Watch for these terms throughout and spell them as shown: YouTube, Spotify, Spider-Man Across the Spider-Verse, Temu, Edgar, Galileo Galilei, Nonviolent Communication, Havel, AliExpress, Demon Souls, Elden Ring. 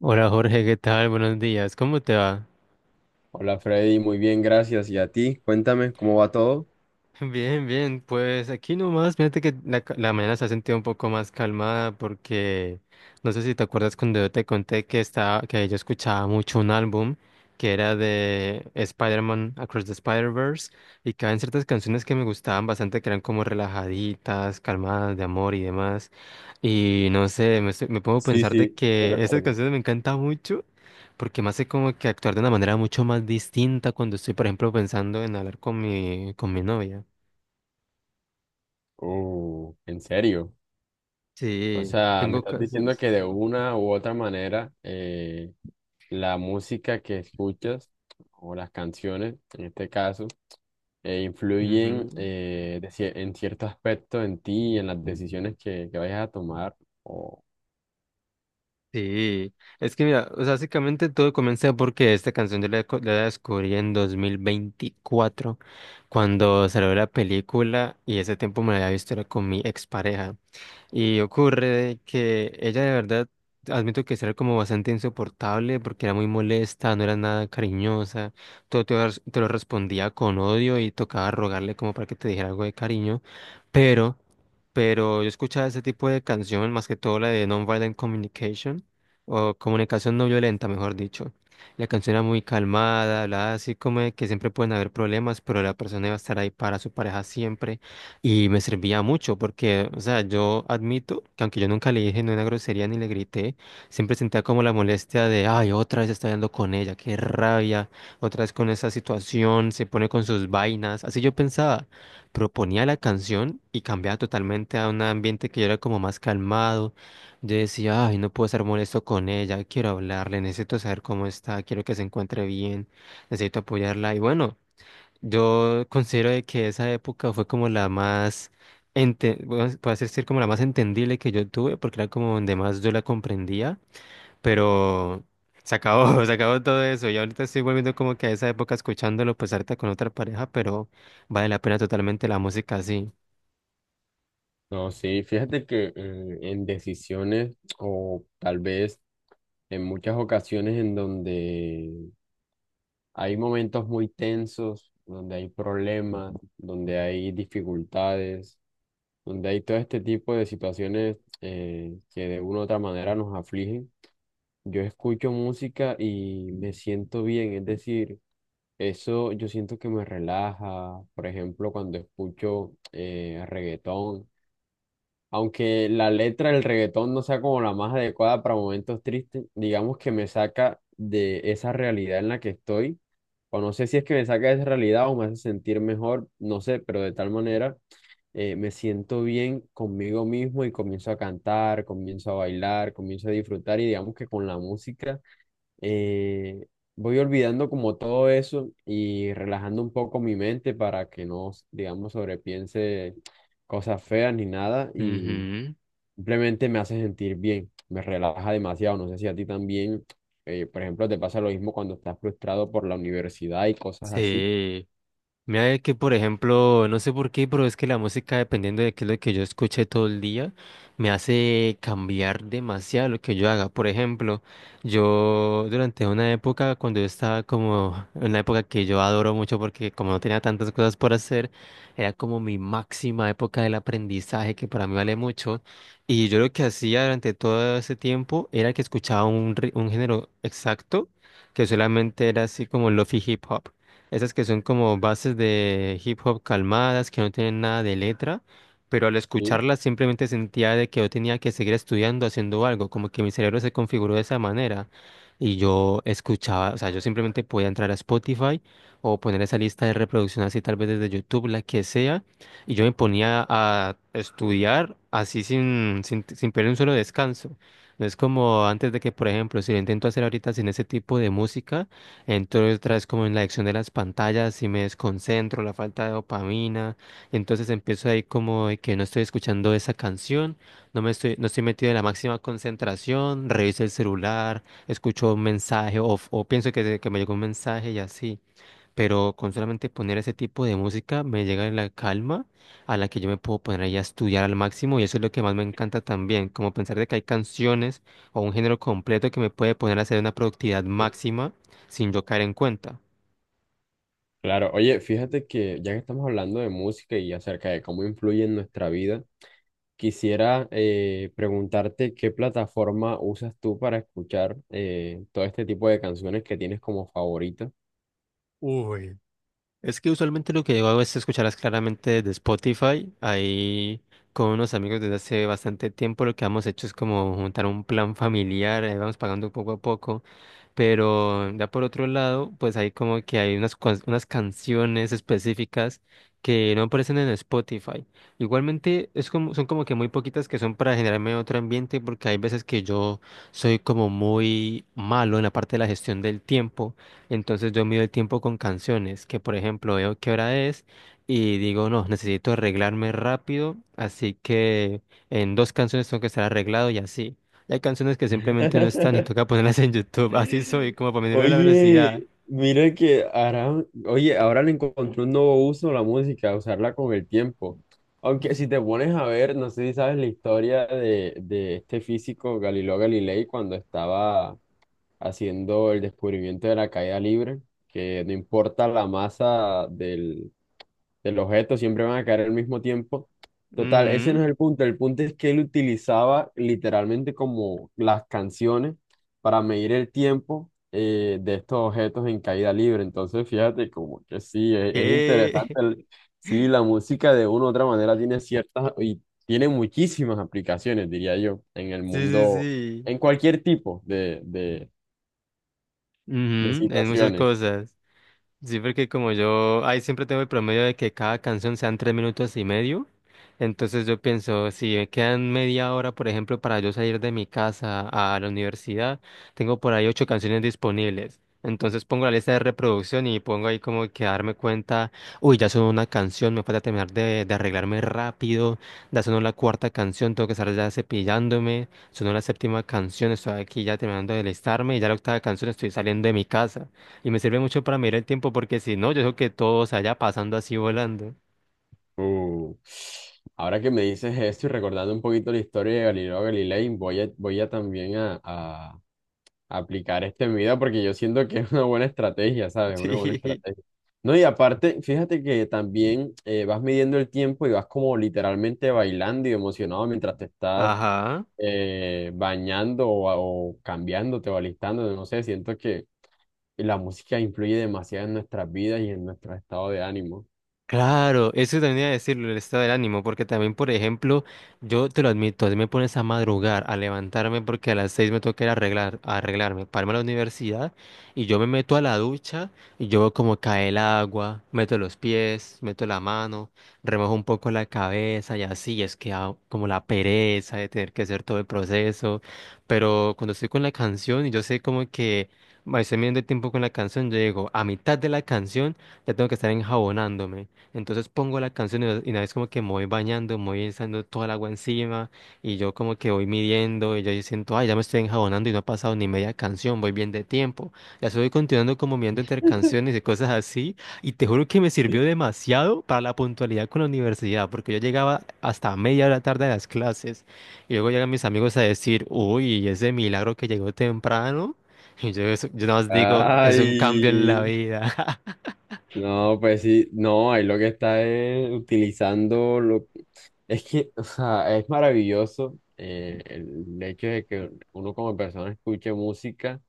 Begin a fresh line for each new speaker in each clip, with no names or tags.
Hola Jorge, ¿qué tal? Buenos días, ¿cómo te va?
Hola Freddy, muy bien, gracias. ¿Y a ti? Cuéntame, ¿cómo va todo?
Bien, bien, pues aquí nomás, fíjate que la mañana se ha sentido un poco más calmada porque no sé si te acuerdas cuando yo te conté que yo escuchaba mucho un álbum que era de Spider-Man Across the Spider-Verse y que había ciertas canciones que me gustaban bastante que eran como relajaditas, calmadas, de amor y demás. Y no sé, me pongo a
Sí,
pensar de
sí, sí
que estas
recuerdo.
canciones me encantan mucho porque me hace como que actuar de una manera mucho más distinta cuando estoy, por ejemplo, pensando en hablar con mi novia.
¿En serio? O
Sí,
sea, me
tengo
estás diciendo
casas.
que de una u otra manera la música que escuchas o las canciones, en este caso, influyen
Ujú.
en cierto aspecto en ti y en las decisiones que vayas a tomar. O,
Sí, es que mira, o sea, básicamente todo comenzó porque esta canción yo la descubrí en 2024 cuando salió la película y ese tiempo me la había visto era con mi expareja. Y ocurre que ella de verdad, admito que sí era como bastante insoportable porque era muy molesta, no era nada cariñosa, todo te lo respondía con odio y tocaba rogarle como para que te dijera algo de cariño, pero, yo escuchaba ese tipo de canción, más que todo la de Nonviolent Communication, o comunicación no violenta, mejor dicho. La canción era muy calmada, hablaba así como de que siempre pueden haber problemas, pero la persona iba a estar ahí para su pareja siempre. Y me servía mucho porque, o sea, yo admito que aunque yo nunca le dije ni una grosería ni le grité, siempre sentía como la molestia de, ay, otra vez está hablando con ella, qué rabia, otra vez con esa situación, se pone con sus vainas. Así yo pensaba, proponía la canción y cambiaba totalmente a un ambiente que yo era como más calmado. Yo decía, ay, no puedo estar molesto con ella, quiero hablarle, necesito saber cómo está, quiero que se encuentre bien, necesito apoyarla. Y bueno. Yo considero de que esa época fue como la más, bueno, puede decir como la más entendible que yo tuve, porque era como donde más yo la comprendía, pero se acabó, se acabó todo eso. Y ahorita estoy volviendo como que a esa época escuchándolo, pues ahorita con otra pareja, pero vale la pena totalmente la música así.
no, sí, fíjate que en decisiones o tal vez en muchas ocasiones en donde hay momentos muy tensos, donde hay problemas, donde hay dificultades, donde hay todo este tipo de situaciones que de una u otra manera nos afligen. Yo escucho música y me siento bien, es decir, eso yo siento que me relaja. Por ejemplo, cuando escucho reggaetón. Aunque la letra del reggaetón no sea como la más adecuada para momentos tristes, digamos que me saca de esa realidad en la que estoy. O no sé si es que me saca de esa realidad o me hace sentir mejor, no sé, pero de tal manera me siento bien conmigo mismo y comienzo a cantar, comienzo a bailar, comienzo a disfrutar y digamos que con la música eh, voy olvidando como todo eso y relajando un poco mi mente para que no, digamos, sobrepiense cosas feas ni nada. Y
Ujú.
simplemente me hace sentir bien, me relaja demasiado. No sé si a ti también, por ejemplo, te pasa lo mismo cuando estás frustrado por la universidad y cosas así.
Sí. Mira que, por ejemplo, no sé por qué, pero es que la música, dependiendo de qué es lo que yo escuche todo el día, me hace cambiar demasiado lo que yo haga. Por ejemplo, yo durante una época, cuando yo estaba como, una época que yo adoro mucho porque como no tenía tantas cosas por hacer, era como mi máxima época del aprendizaje, que para mí vale mucho. Y yo lo que hacía durante todo ese tiempo era que escuchaba un género exacto, que solamente era así como lofi hip hop. Esas que son como bases de hip hop calmadas, que no tienen nada de letra, pero al
Sí.
escucharlas simplemente sentía de que yo tenía que seguir estudiando, haciendo algo, como que mi cerebro se configuró de esa manera. Y yo escuchaba, o sea, yo simplemente podía entrar a Spotify o poner esa lista de reproducción así tal vez desde YouTube, la que sea, y yo me ponía a estudiar así sin perder un solo descanso. No es como antes de que, por ejemplo, si lo intento hacer ahorita sin ese tipo de música, entro otra vez como en la adicción de las pantallas si me desconcentro, la falta de dopamina. Entonces empiezo ahí como de que no estoy escuchando esa canción, no me estoy, no estoy metido en la máxima concentración, reviso el celular, escucho un mensaje o pienso que me llegó un mensaje y así, pero con solamente poner ese tipo de música me llega la calma a la que yo me puedo poner ahí a estudiar al máximo y eso es lo que más me encanta también, como pensar de que hay canciones o un género completo que me puede poner a hacer una productividad máxima sin yo caer en cuenta.
Claro, oye, fíjate que ya que estamos hablando de música y acerca de cómo influye en nuestra vida, quisiera preguntarte qué plataforma usas tú para escuchar todo este tipo de canciones que tienes como favoritas.
Es que usualmente lo que yo hago es escucharlas claramente desde Spotify. Ahí con unos amigos desde hace bastante tiempo lo que hemos hecho es como juntar un plan familiar, vamos pagando poco a poco. Pero ya por otro lado, pues hay como que hay unas canciones específicas que no aparecen en Spotify. Igualmente es como, son como que muy poquitas que son para generarme otro ambiente porque hay veces que yo soy como muy malo en la parte de la gestión del tiempo. Entonces yo mido el tiempo con canciones, que por ejemplo veo qué hora es y digo, no, necesito arreglarme rápido, así que en dos canciones tengo que estar arreglado y así. Hay canciones que simplemente no están y toca ponerlas en YouTube. Así soy, como para medirme la velocidad.
Oye, mira que ahora, oye, ahora le encontré un nuevo uso a la música, usarla con el tiempo. Aunque si te pones a ver, no sé si sabes la historia de este físico Galileo Galilei cuando estaba haciendo el descubrimiento de la caída libre, que no importa la masa del objeto, siempre van a caer al mismo tiempo. Total, ese
Ujú.
no es el punto. El punto es que él utilizaba literalmente como las canciones para medir el tiempo de estos objetos en caída libre. Entonces, fíjate, como que sí, es
¿Qué?
interesante. Sí, la música de una u otra manera tiene ciertas y tiene muchísimas aplicaciones, diría yo, en el
Sí, sí,
mundo,
sí.
en cualquier tipo de
Ujú.
de
En muchas
situaciones.
cosas. Sí, porque como yo ahí siempre tengo el promedio de que cada canción sean 3 minutos y medio, entonces yo pienso, si me quedan media hora, por ejemplo, para yo salir de mi casa a la universidad, tengo por ahí ocho canciones disponibles. Entonces pongo la lista de reproducción y pongo ahí como que darme cuenta, uy, ya sonó una canción, me falta terminar de arreglarme rápido, ya sonó la cuarta canción, tengo que estar ya cepillándome, sonó la séptima canción, estoy aquí ya terminando de listarme y ya la octava canción estoy saliendo de mi casa. Y me sirve mucho para mirar el tiempo porque si no, yo creo que todo se haya pasando así volando.
Uh, Ahora que me dices esto y recordando un poquito la historia de Galileo Galilei, voy a también a aplicar este en mi vida porque yo siento que es una buena estrategia, ¿sabes? Una buena
Sí.
estrategia. No, y aparte, fíjate que también vas midiendo el tiempo y vas como literalmente bailando y emocionado mientras te estás
Ajá.
bañando o cambiándote o alistando, no sé, siento que la música influye demasiado en nuestras vidas y en nuestro estado de ánimo.
Claro, eso también iba a decirlo, el estado del ánimo, porque también, por ejemplo, yo te lo admito, si me pones a madrugar, a levantarme, porque a las 6 me toca ir a arreglarme, para irme a la universidad, y yo me meto a la ducha, y yo veo como cae el agua, meto los pies, meto la mano, remojo un poco la cabeza, y así, es que ah, como la pereza de tener que hacer todo el proceso, pero cuando estoy con la canción, y yo sé como que... Estoy midiendo el tiempo con la canción, yo digo, a mitad de la canción ya tengo que estar enjabonándome. Entonces pongo la canción y no, y una vez como que me voy bañando, me voy echando toda el agua encima y yo como que voy midiendo y yo ahí siento, ay, ya me estoy enjabonando y no ha pasado ni media canción, voy bien de tiempo. Ya estoy continuando como mirando entre canciones y cosas así y te juro que me sirvió demasiado para la puntualidad con la universidad porque yo llegaba hasta media hora tarde a las clases y luego llegan mis amigos a decir, uy, ese milagro que llegó temprano. Y yo, yo nada más digo, es un cambio en la
Ay.
vida.
No, pues sí, no, ahí lo que está es utilizando lo... Es que, o sea, es maravilloso el hecho de que uno como persona escuche música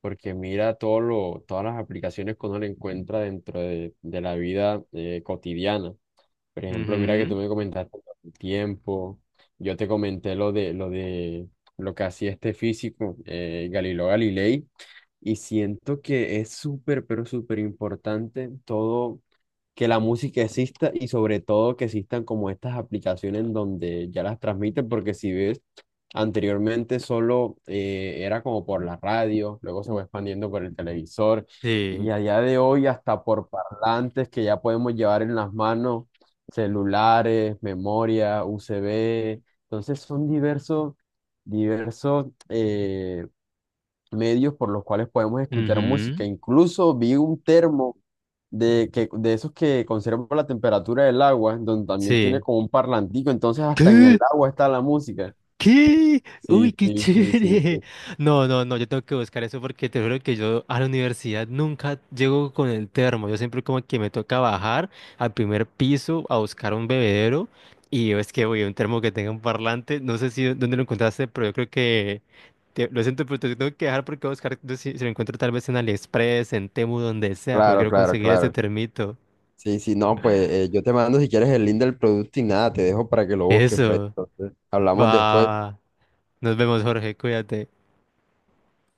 porque mira todas las aplicaciones que uno le encuentra dentro de la vida cotidiana. Por ejemplo, mira que
Ujú.
tú me comentaste el tiempo, yo te comenté lo de lo que hacía este físico, Galileo Galilei, y siento que es súper, pero súper importante todo, que la música exista y sobre todo que existan como estas aplicaciones en donde ya las transmiten, porque si ves, anteriormente solo era como por la radio, luego se fue expandiendo por el televisor y
Sí.
allá de hoy hasta por parlantes que ya podemos llevar en las manos, celulares, memoria, USB. Entonces son diversos, diversos medios por los cuales podemos escuchar
Ujú.
música. Incluso vi un termo de esos que conservan la temperatura del agua, donde también tiene
Sí.
como un parlantico, entonces hasta en el
¿Qué?
agua está la música.
¿Qué? Uy,
Sí,
qué
sí, sí, sí,
chévere.
sí.
No, no, no, yo tengo que buscar eso porque te juro que yo a la universidad nunca llego con el termo. Yo siempre como que me toca bajar al primer piso a buscar un bebedero y yo es que voy a un termo que tenga un parlante. No sé si dónde lo encontraste, pero yo creo que lo siento, pero te tengo que dejar porque voy a buscar no si lo encuentro tal vez en AliExpress, en Temu, donde sea, pero
Claro,
quiero
claro,
conseguir ese
claro.
termito.
Sí, sí, no, pues yo te te mando si quieres el link del producto y nada. Te dejo para que lo busques, Fred.
Eso.
Entonces hablamos después.
Va. Nos vemos, Jorge. Cuídate.